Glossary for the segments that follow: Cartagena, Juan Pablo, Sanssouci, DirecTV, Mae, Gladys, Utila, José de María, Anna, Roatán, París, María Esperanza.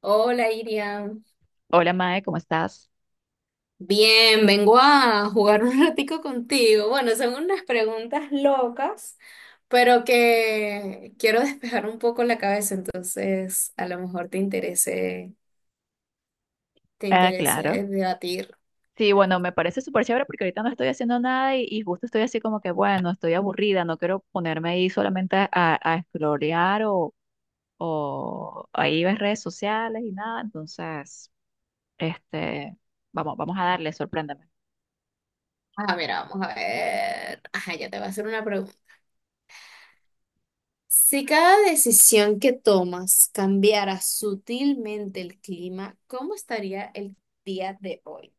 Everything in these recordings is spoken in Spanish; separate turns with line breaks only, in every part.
Hola, Iriam.
Hola Mae, ¿cómo estás?
Bien, vengo a jugar un ratico contigo. Bueno, son unas preguntas locas, pero que quiero despejar un poco la cabeza, entonces a lo mejor te
Ah, claro.
interese debatir.
Sí, bueno, me parece súper chévere porque ahorita no estoy haciendo nada y justo estoy así como que, bueno, estoy aburrida, no quiero ponerme ahí solamente a explorar o ahí ver redes sociales y nada, entonces, este, vamos a darle, sorpréndeme.
Ah, mira, vamos a ver. Ajá, ya te voy a hacer una pregunta. Si cada decisión que tomas cambiara sutilmente el clima, ¿cómo estaría el día de hoy?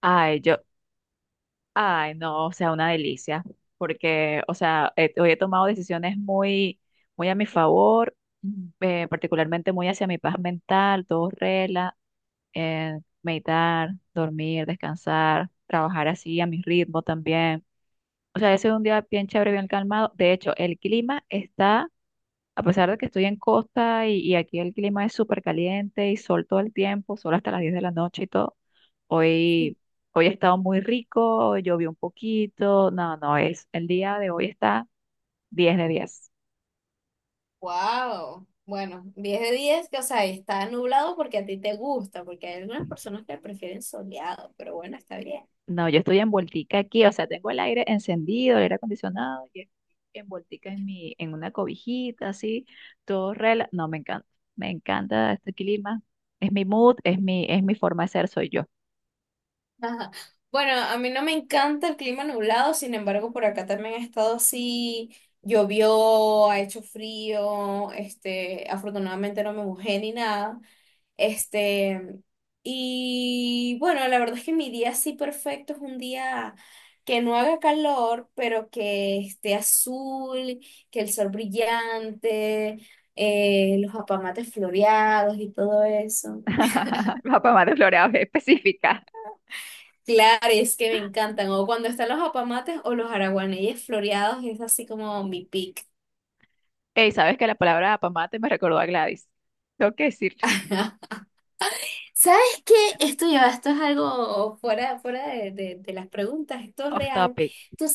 Ay, yo, ay, no, o sea, una delicia, porque, o sea, hoy he tomado decisiones muy a mi favor, particularmente muy hacia mi paz mental, todo relax, meditar, dormir, descansar, trabajar así a mi ritmo también. O sea, ese es un día bien chévere, bien calmado. De hecho, el clima está, a pesar de que estoy en costa y aquí el clima es súper caliente y sol todo el tiempo, sol hasta las 10 de la noche y todo. Hoy, hoy ha estado muy rico, llovió un poquito. No, no, es el día de hoy está 10 de 10.
Wow. Bueno, 10 de 10 que o sea, está nublado porque a ti te gusta, porque hay algunas personas que prefieren soleado, pero bueno, está bien.
No, yo estoy envueltica aquí, o sea, tengo el aire encendido, el aire acondicionado, y estoy envueltica en mi, en una cobijita, así, todo rela. No, me encanta este clima. Es mi mood, es mi forma de ser, soy yo.
Ajá. Bueno, a mí no me encanta el clima nublado, sin embargo, por acá también ha estado así, llovió, ha hecho frío, afortunadamente no me mojé ni nada. Este, y bueno, la verdad es que mi día así perfecto es un día que no haga calor, pero que esté azul, que el sol brillante, los apamates floreados y todo eso.
La pomada floreada es específica.
Claro, y es que me encantan. O cuando están los apamates o los araguaneyes floreados, es así como mi pick.
Ey, ¿sabes que la palabra pomate me recordó a Gladys? Tengo que decirlo.
¿Sabes qué? Esto ya, esto es algo fuera de las preguntas, esto es
Off
real.
topic.
¿Tú,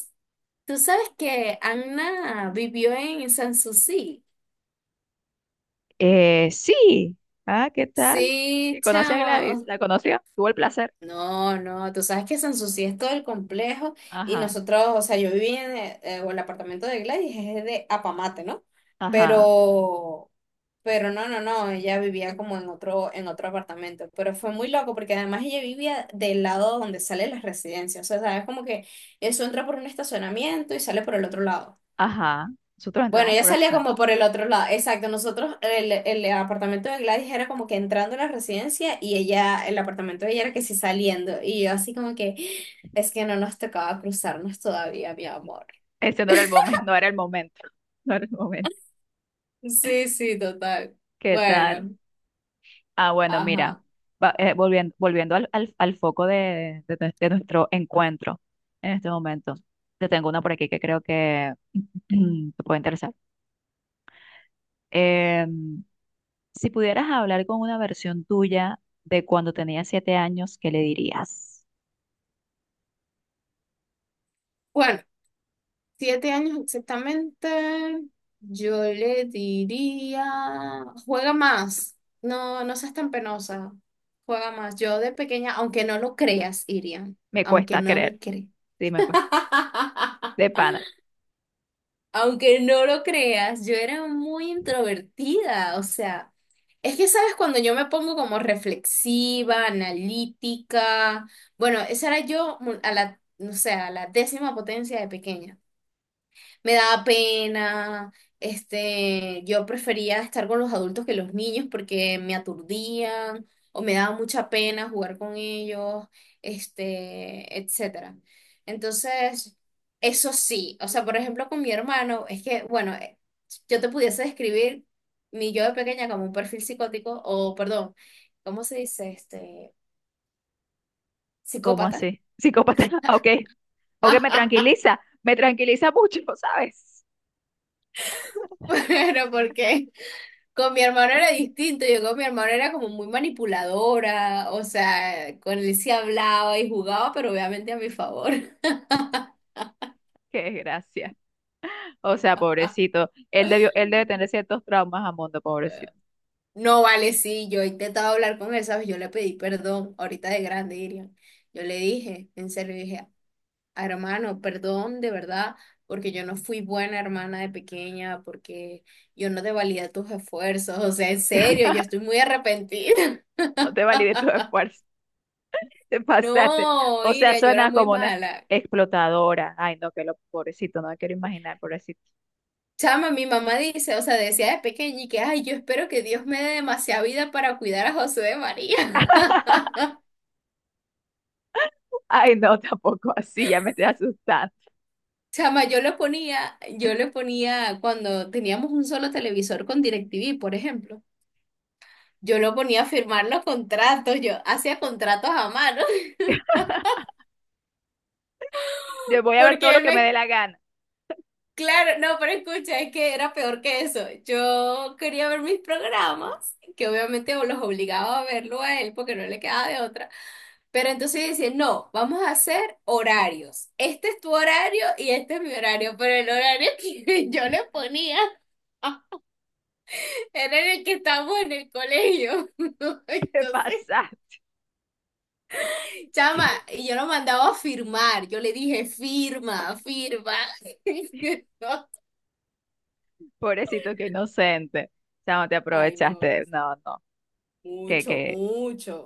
tú sabes que Anna vivió en Sanssouci?
Sí. Ah, ¿qué tal?
Sí,
¿Y conoce a
chamo.
Gladys?
o-
¿La conoció? ¿Tuvo el placer?
No, no, tú sabes que Sanssouci es todo el complejo y
Ajá,
nosotros, o sea, yo viví en o el apartamento de Gladys, es de Apamate, ¿no?
ajá,
Pero Pero no, no, no, ella vivía como en otro apartamento, pero fue muy loco porque además ella vivía del lado donde salen las residencias, o sea, sabes como que eso entra por un estacionamiento y sale por el otro lado.
ajá. Nosotros
Bueno,
entramos
ella
por
salía
este.
como por el otro lado, exacto, nosotros, el apartamento de Gladys era como que entrando a la residencia y ella, el apartamento de ella era que sí saliendo, y yo así como que, es que no nos tocaba cruzarnos todavía, mi amor.
Ese no era el momento, no era el momento, no era el momento.
Sí, sí, total.
¿Qué tal?
Bueno,
Ah, bueno, mira,
ajá.
volviendo, volviendo al foco de, de nuestro encuentro en este momento. Te tengo una por aquí que creo que te puede interesar. Em, si pudieras hablar con una versión tuya de cuando tenías 7 años, ¿qué le dirías?
Bueno, 7 años exactamente, yo le diría, juega más, no, no seas tan penosa, juega más. Yo de pequeña, aunque no lo creas, Irian,
Me
aunque
cuesta
no me
creer,
creas.
sí, me cuesta. De pana,
Aunque no lo creas, yo era muy introvertida, o sea, es que sabes cuando yo me pongo como reflexiva, analítica, bueno, esa era yo a la, no sé, a la décima potencia de pequeña me daba pena, yo prefería estar con los adultos que los niños porque me aturdían o me daba mucha pena jugar con ellos, etcétera. Entonces, eso sí, o sea, por ejemplo, con mi hermano, es que, bueno, yo te pudiese describir mi yo de pequeña como un perfil psicótico o, perdón, ¿cómo se dice?
¿cómo
Psicópata.
así? Psicópata, ok. Ok, me tranquiliza mucho, ¿sabes?
Pero, ¿por qué? Con mi hermano era distinto, yo con mi hermano era como muy manipuladora, o sea, con él sí hablaba y jugaba, pero obviamente a mi favor.
Qué gracia. O sea, pobrecito. Él debió, él debe tener ciertos traumas a mundo, pobrecito.
No vale, sí, yo he intentado hablar con él, ¿sabes? Yo le pedí perdón, ahorita de grande, Irian. Yo le dije, en serio, dije, hermano, perdón de verdad, porque yo no fui buena hermana de pequeña, porque yo no te valía tus esfuerzos, o sea, en serio, yo estoy muy arrepentida.
No te valide tu esfuerzo. Te pasaste.
No,
O sea,
Irian, yo era
suena
muy
como una
mala.
explotadora. Ay, no, que lo pobrecito, no me quiero imaginar, pobrecito.
Chama, mi mamá dice, o sea, decía de pequeña y que, ay, yo espero que Dios me dé demasiada vida para cuidar a José de María.
Ay, no, tampoco así, ya me estoy asustando.
Chama, yo lo ponía, yo le ponía cuando teníamos un solo televisor con DirecTV, por ejemplo, yo lo ponía a firmar los contratos, yo hacía contratos a mano,
Yo voy a ver todo
porque
lo
él
que me
me
dé la gana.
Claro, no, pero escucha, es que era peor que eso. Yo quería ver mis programas, que obviamente los obligaba a verlo a él porque no le quedaba de otra. Pero entonces dice, no, vamos a hacer horarios. Este es tu horario y este es mi horario, pero el horario que yo le ponía era en el que estábamos en el colegio.
Te
Entonces,
pasaste.
chama, y yo lo mandaba a firmar. Yo le dije, firma, firma.
Pobrecito, qué inocente. O sea, no te
Ay, no,
aprovechaste. No, no. Que,
mucho,
Que,
mucho.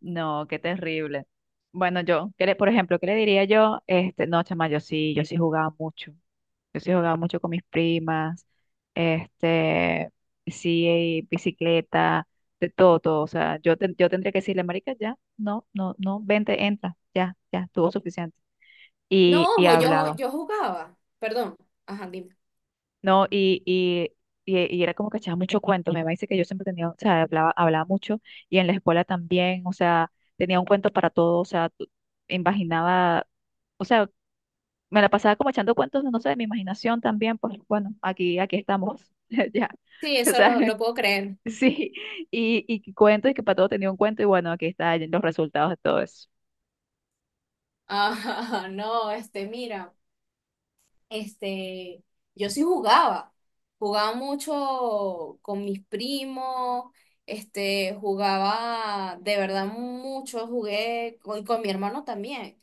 no, qué terrible. Bueno, yo, ¿qué le-, por ejemplo, ¿qué le diría yo? Este, no, chama, yo sí, yo sí jugaba mucho. Yo sí jugaba mucho con mis primas, este, sí, bicicleta, de todo, todo. O sea, yo, yo tendría que decirle, marica, ya, no, no, no, vente, entra, ya, ya, tuvo suficiente. Y,
No,
y
ojo, yo,
hablaba.
yo jugaba. Perdón. Ajá, dime.
No, y era como que echaba mucho cuento. Me dice que yo siempre tenía, o sea, hablaba, hablaba mucho y en la escuela también, o sea, tenía un cuento para todo, o sea, imaginaba, o sea, me la pasaba como echando cuentos, no sé, de mi imaginación también, pues bueno, aquí estamos, ya,
Sí,
o
eso
sea,
lo, lo puedo creer.
sí, y cuento y que para todo tenía un cuento y bueno, aquí están los resultados de todo eso.
Ajá, no, mira, este, yo sí jugaba. Jugaba mucho con mis primos, jugaba de verdad mucho, jugué con mi hermano también.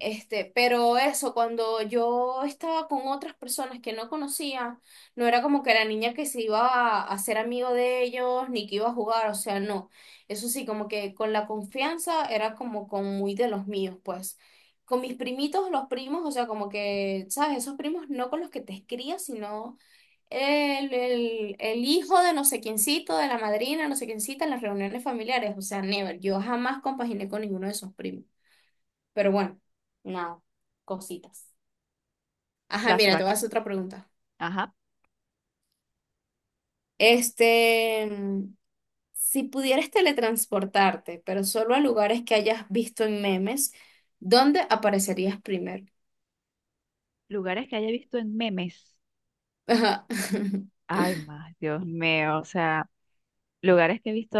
Pero eso, cuando yo estaba con otras personas que no conocía, no era como que la niña que se iba a hacer amigo de ellos, ni que iba a jugar, o sea, no. Eso sí, como que con la confianza era como con muy de los míos, pues. Con mis primitos, los primos, o sea, como que, ¿sabes? Esos primos no con los que te crías, sino el hijo de no sé quiéncito, de la madrina, no sé quiéncita, en las reuniones familiares, o sea, never. Yo jamás compaginé con ninguno de esos primos. Pero bueno, nada, cositas. Ajá, mira, te
Flashback.
voy a hacer otra pregunta.
Ajá.
Este, mm, si pudieras teletransportarte, pero solo a lugares que hayas visto en memes, ¿dónde aparecerías primero?
Lugares que haya visto en memes.
Ajá.
Ay, más, Dios mío, o sea. Lugares que he visto.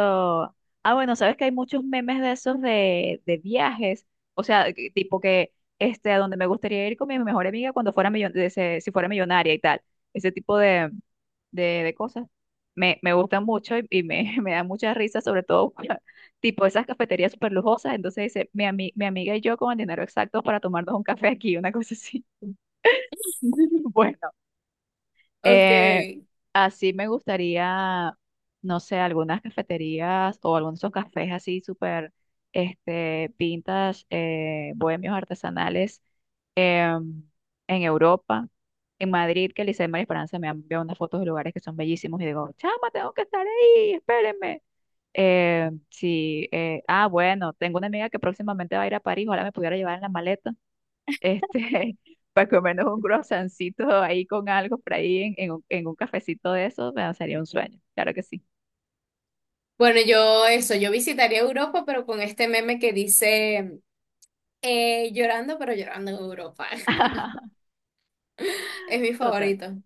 Ah, bueno, sabes que hay muchos memes de esos de viajes. O sea, tipo que este, a donde me gustaría ir con mi mejor amiga cuando fuera si fuera millonaria y tal. Ese tipo de cosas. Me gustan mucho y me, me da mucha risa, sobre todo tipo esas cafeterías súper lujosas. Entonces dice, mi amiga y yo con el dinero exacto para tomarnos un café aquí, una cosa así. Bueno.
Ok.
Eh, así me gustaría, no sé, algunas cafeterías o algunos de esos cafés así súper este, vintage, bohemios artesanales, em, en Europa, en Madrid, que el Liceo de María Esperanza me ha enviado unas fotos de lugares que son bellísimos y digo, chama, tengo que estar ahí, espérenme. Sí, ah, bueno, tengo una amiga que próximamente va a ir a París, ojalá me pudiera llevar en la maleta este, para comernos un croissancito ahí con algo por ahí en un cafecito de eso, me sería un sueño, claro que sí.
Bueno, yo eso, yo visitaría Europa, pero con este meme que dice llorando, pero llorando en Europa. Es mi
Total.
favorito.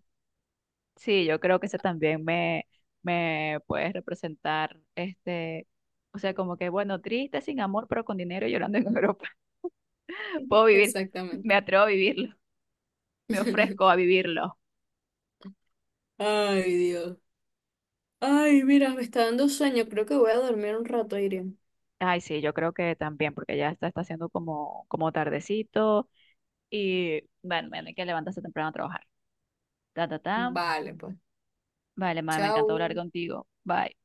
Sí, yo creo que eso también me puede representar, este, o sea, como que, bueno, triste, sin amor, pero con dinero y llorando en Europa. Puedo vivir,
Exactamente.
me atrevo a vivirlo, me ofrezco a vivirlo.
Ay, Dios. Ay, mira, me está dando sueño. Creo que voy a dormir un rato, Irene.
Ay, sí, yo creo que también, porque ya está, está haciendo como, como tardecito y, bueno, mañana hay que levantarse temprano a trabajar. Ta, ta, ta.
Vale, pues.
Vale, madre, me encantó hablar
Chao.
contigo. Bye.